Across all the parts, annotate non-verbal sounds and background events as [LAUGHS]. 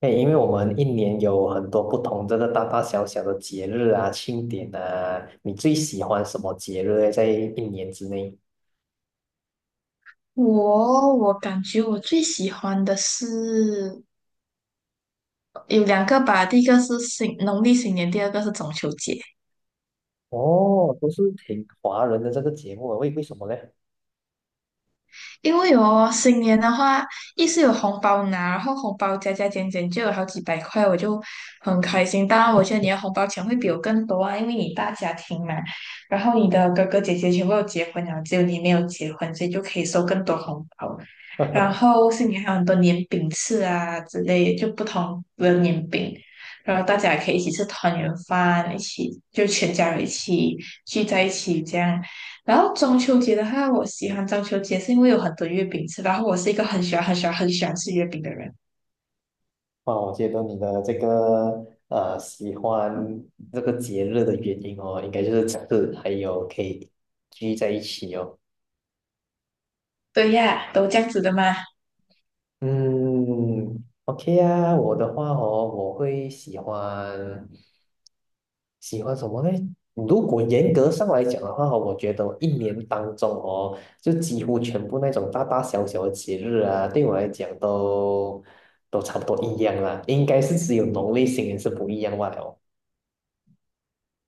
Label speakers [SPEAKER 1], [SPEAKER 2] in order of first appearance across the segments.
[SPEAKER 1] 对，因为我们一年有很多不同这个大大小小的节日啊、庆典啊，你最喜欢什么节日呢在一年之内？
[SPEAKER 2] 我感觉我最喜欢的是有两个吧，第一个是新农历新年，第二个是中秋节。
[SPEAKER 1] 哦，都是挺华人的这个节目啊，为什么呢？
[SPEAKER 2] 因为哦，新年的话，一是有红包拿，然后红包加加减减就有好几百块，我就很开心。当然，我觉得你的红包钱会比我更多啊，因为你大家庭嘛，然后你的哥哥姐姐全部都结婚了，只有你没有结婚，所以就可以收更多红包。然
[SPEAKER 1] [LAUGHS]
[SPEAKER 2] 后新年还有很多年饼吃啊之类，就不同的年饼，然后大家也可以一起吃团圆饭，一起就全家人一起聚在一起这样。然后中秋节的话，我喜欢中秋节是因为有很多月饼吃，然后我是一个很喜欢、很喜欢、很喜欢吃月饼的人。
[SPEAKER 1] 哇，我觉得你的这个喜欢这个节日的原因哦，应该就是这个，还有可以聚在一起哦。
[SPEAKER 2] 对呀，都这样子的嘛。
[SPEAKER 1] 嗯，OK 啊，我的话哦，我会喜欢。喜欢什么呢？如果严格上来讲的话哦，我觉得我一年当中哦，就几乎全部那种大大小小的节日啊，对我来讲都差不多一样啦。应该是只有农历新年是不一样罢哦，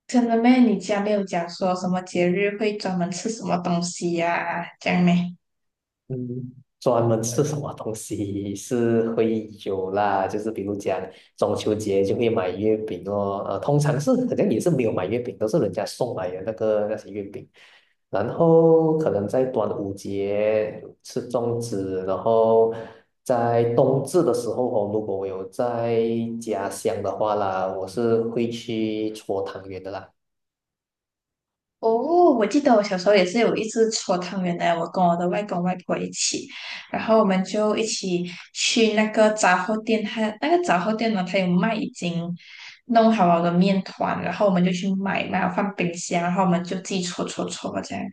[SPEAKER 2] 真的咩？你家没有讲说什么节日会专门吃什么东西呀、这样咩？
[SPEAKER 1] 嗯，专门吃什么东西是会有啦，就是比如讲中秋节就会买月饼哦，通常是好像也是没有买月饼，都是人家送来的那些月饼。然后可能在端午节吃粽子，然后在冬至的时候哦，如果我有在家乡的话啦，我是会去搓汤圆的啦。
[SPEAKER 2] 哦，我记得我小时候也是有一次搓汤圆的，我跟我的外公外婆一起，然后我们就一起去那个杂货店，他那个杂货店呢，他有卖已经弄好了的面团，然后我们就去买，买了放冰箱，然后我们就自己搓搓搓这样，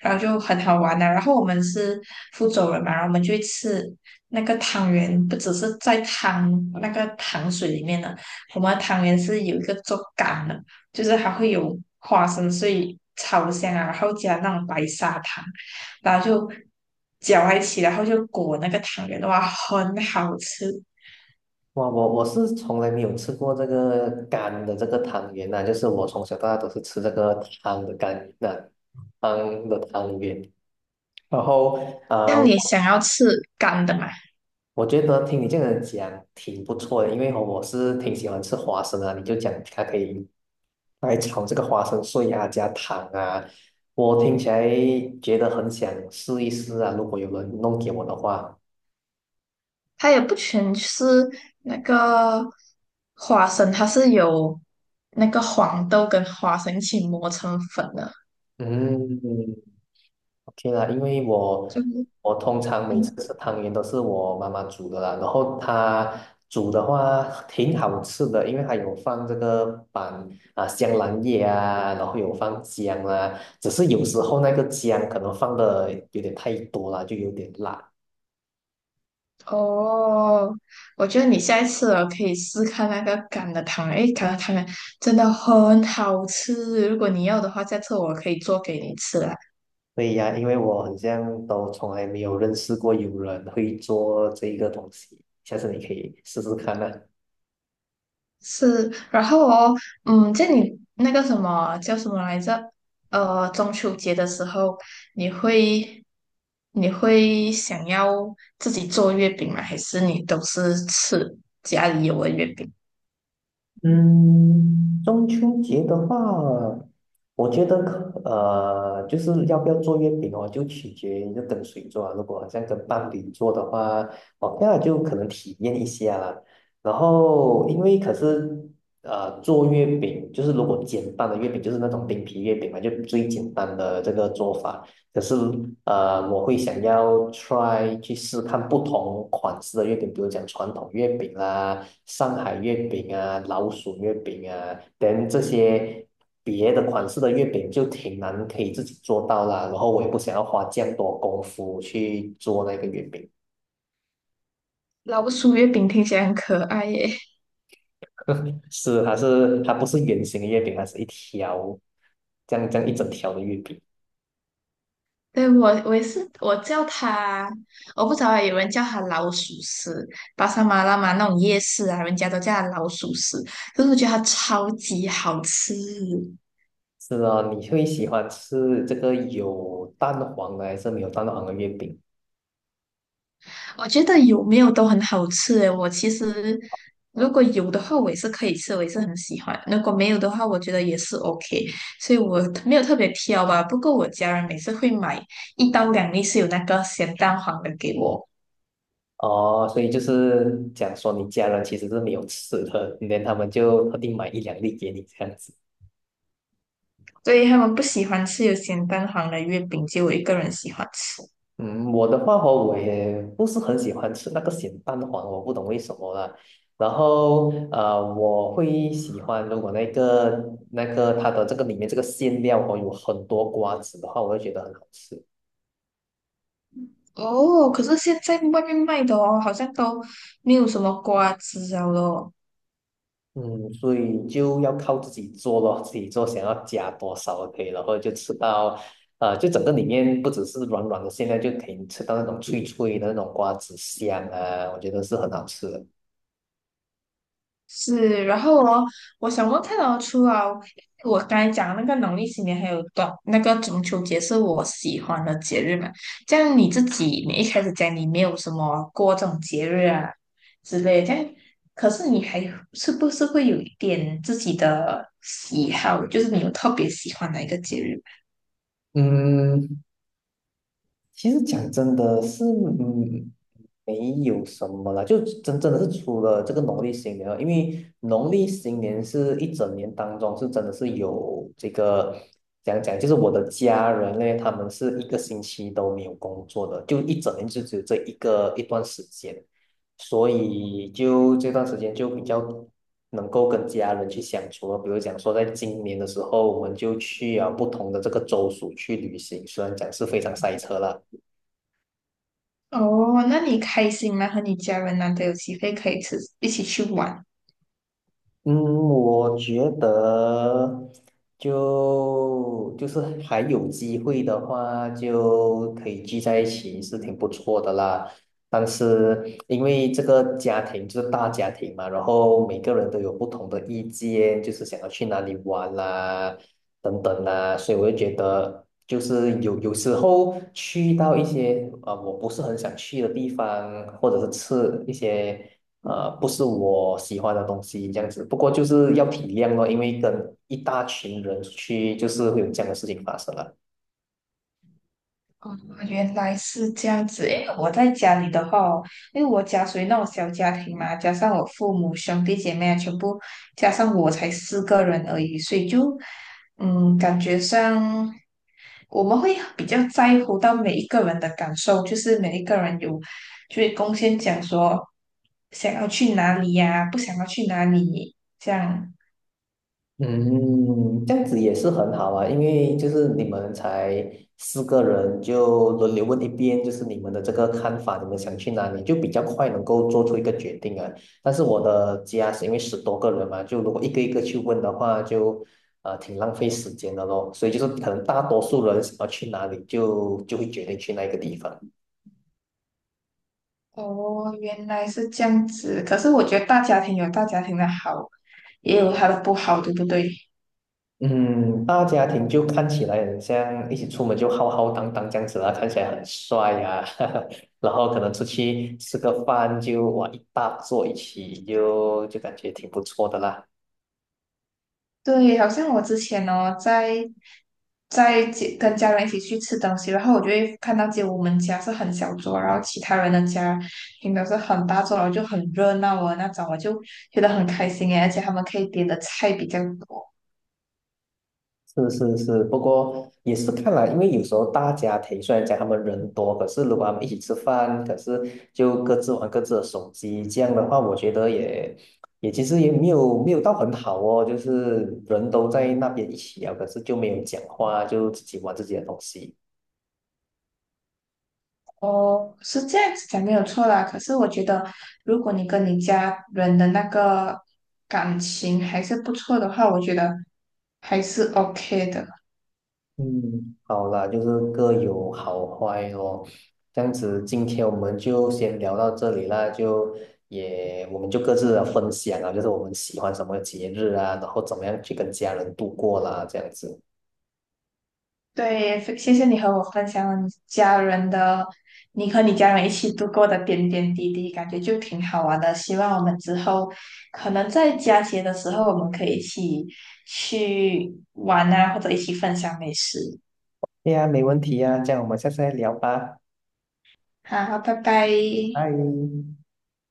[SPEAKER 2] 然后就很好玩的、然后我们是福州人嘛，然后我们就会吃那个汤圆，不只是在汤那个糖水里面的，我们的汤圆是有一个做干的。就是还会有花生碎炒香啊，然后加那种白砂糖，然后就搅在一起，然后就裹那个汤圆的话，很好吃。
[SPEAKER 1] 哇，我是从来没有吃过这个干的这个汤圆呐、就是我从小到大都是吃这个汤的干圆呐、汤的汤圆。然后啊、
[SPEAKER 2] 像你
[SPEAKER 1] 呃
[SPEAKER 2] 想要吃干的嘛？
[SPEAKER 1] 我觉得听你这样讲挺不错的，因为哦我是挺喜欢吃花生的。你就讲它可以来炒这个花生碎啊，加糖啊，我听起来觉得很想试一试啊。如果有人弄给我的话，
[SPEAKER 2] 它也不全是那个花生，它是有那个黄豆跟花生一起磨成粉的，
[SPEAKER 1] 嗯，OK 啦，因为我
[SPEAKER 2] 就是
[SPEAKER 1] 我通常每次
[SPEAKER 2] 嗯。
[SPEAKER 1] 吃汤圆都是我妈妈煮的啦，然后她煮的话挺好吃的，因为她有放这个板啊香兰叶啊，然后有放姜啦，只是有时候那个姜可能放的有点太多了，就有点辣。
[SPEAKER 2] 哦，我觉得你下一次哦可以试看那个橄的汤圆，诶，橄榄汤圆真的很好吃。如果你要的话，下次我可以做给你吃啦。
[SPEAKER 1] 对呀，因为我好像都从来没有认识过有人会做这一个东西，下次你可以试试看呢、
[SPEAKER 2] 是，然后哦，嗯，就你那个什么叫什么来着？中秋节的时候，你会你会想要自己做月饼吗？还是你都是吃家里有的月饼？
[SPEAKER 1] 嗯，中秋节的话，我觉得就是要不要做月饼哦，就取决于就跟谁做啊。如果好像跟伴侣做的话 o 那就可能体验一下啦。然后，因为可是呃，做月饼就是如果简单的月饼，就是那种饼皮月饼嘛，就最简单的这个做法。可是我会想要 try 去试看不同款式的月饼，比如讲传统月饼啦、上海月饼啊、老鼠月饼啊，等这些别的款式的月饼就挺难可以自己做到啦。然后我也不想要花这样多功夫去做那个月饼，
[SPEAKER 2] 老鼠月饼听起来很可爱耶。
[SPEAKER 1] [LAUGHS] 它不是圆形的月饼，它是一条这样这样一整条的月饼。
[SPEAKER 2] 对，我我也是，我叫它，我不知道欸有人叫它老鼠屎，巴沙马拉嘛那种夜市啊，人家都叫它老鼠屎，可是我觉得它超级好吃，
[SPEAKER 1] 是啊，你会喜欢吃这个有蛋黄的还是没有蛋黄的月饼？
[SPEAKER 2] 我觉得有没有都很好吃诶，我其实如果有的话，我也是可以吃，我也是很喜欢；如果没有的话，我觉得也是 OK，所以我没有特别挑吧。不过我家人每次会买一到两粒是有那个咸蛋黄的给我。
[SPEAKER 1] 哦，所以就是讲说你家人其实是没有吃的，连他们就特地买一两粒给你这样子。
[SPEAKER 2] 所以他们不喜欢吃有咸蛋黄的月饼，就我一个人喜欢吃。
[SPEAKER 1] 嗯，我的话哦，我也不是很喜欢吃那个咸蛋黄，我不懂为什么啦。然后我会喜欢如果那个它的这个里面这个馅料哦有很多瓜子的话，我会觉得很好吃。
[SPEAKER 2] 哦，可是现在外面卖的哦，好像都没有什么瓜子了咯。
[SPEAKER 1] 嗯，所以就要靠自己做咯，自己做想要加多少可以，然后就吃到，就整个里面不只是软软的馅料，现在就可以吃到那种脆脆的那种瓜子香啊，我觉得是很好吃的。
[SPEAKER 2] 是，然后哦，我想问看哦，除了我刚才讲的那个农历新年，还有短那个中秋节是我喜欢的节日嘛？这样你自己，你一开始讲你没有什么过这种节日啊之类的，这样可是你还是不是会有一点自己的喜好，就是你有特别喜欢哪一个节日吗？
[SPEAKER 1] 嗯，其实讲真的是，嗯，没有什么啦，就真的是除了这个农历新年了因为农历新年是一整年当中是真的是有这个讲讲，就是我的家人呢，他们是一个星期都没有工作的，就一整年就只有这一个一段时间，所以就这段时间就比较能够跟家人去相处了。比如讲说，在今年的时候，我们就去啊不同的这个州属去旅行，虽然讲是非常塞车啦。
[SPEAKER 2] 哦，那你开心吗？和你家人难得有机会可以吃，一起去玩。
[SPEAKER 1] 嗯，我觉得就是还有机会的话，就可以聚在一起是挺不错的啦。但是因为这个家庭就是大家庭嘛，然后每个人都有不同的意见，就是想要去哪里玩啦，等等啦，所以我就觉得，就是有时候去到一些啊，我不是很想去的地方，或者是吃一些不是我喜欢的东西这样子。不过就是要体谅咯，因为跟一大群人出去，就是会有这样的事情发生了。
[SPEAKER 2] 哦，原来是这样子诶。我在家里的话哦因为我家属于那种小家庭嘛，加上我父母、兄弟姐妹啊，全部加上我才四个人而已，所以就嗯，感觉上我们会比较在乎到每一个人的感受，就是每一个人有就是贡献，讲说想要去哪里呀、不想要去哪里，这样。
[SPEAKER 1] 嗯，这样子也是很好啊，因为就是你们才四个人，就轮流问一遍，就是你们的这个看法，你们想去哪里，就比较快能够做出一个决定啊。但是我的家是因为十多个人嘛，就如果一个一个去问的话，就挺浪费时间的咯。所以就是可能大多数人想要去哪里就，就会决定去那个地方。
[SPEAKER 2] 哦，原来是这样子。可是我觉得大家庭有大家庭的好，也有它的不好，对不对？
[SPEAKER 1] 嗯，大家庭就看起来很像一起出门就浩浩荡荡这样子啦，看起来很帅呀、啊 [LAUGHS] 然后可能出去吃个饭就哇一大桌一起就感觉挺不错的啦。
[SPEAKER 2] 对，好像我之前哦，在街跟家人一起去吃东西，然后我就会看到，就我们家是很小桌，然后其他人的家平常是很大桌，然后就很热闹啊那种，我就觉得很开心诶，而且他们可以点的菜比较多。
[SPEAKER 1] 是是是，不过也是看来，因为有时候大家庭虽然讲他们人多，可是如果他们一起吃饭，可是就各自玩各自的手机，这样的话，我觉得也其实也没有到很好哦，就是人都在那边一起聊，可是就没有讲话，就自己玩自己的东西。
[SPEAKER 2] 哦，是这样子讲没有错啦。可是我觉得，如果你跟你家人的那个感情还是不错的话，我觉得还是 OK 的。
[SPEAKER 1] 嗯，好啦，就是各有好坏咯。这样子，今天我们就先聊到这里啦，就也我们就各自的分享啊，就是我们喜欢什么节日啊，然后怎么样去跟家人度过啦，这样子。
[SPEAKER 2] 对，非谢谢你和我分享了你家人的，你和你家人一起度过的点点滴滴，感觉就挺好玩的。希望我们之后可能在佳节的时候，我们可以一起去玩啊，或者一起分享美食。
[SPEAKER 1] 对呀，没问题呀，这样我们下次再聊吧，
[SPEAKER 2] 好，拜拜。
[SPEAKER 1] 拜。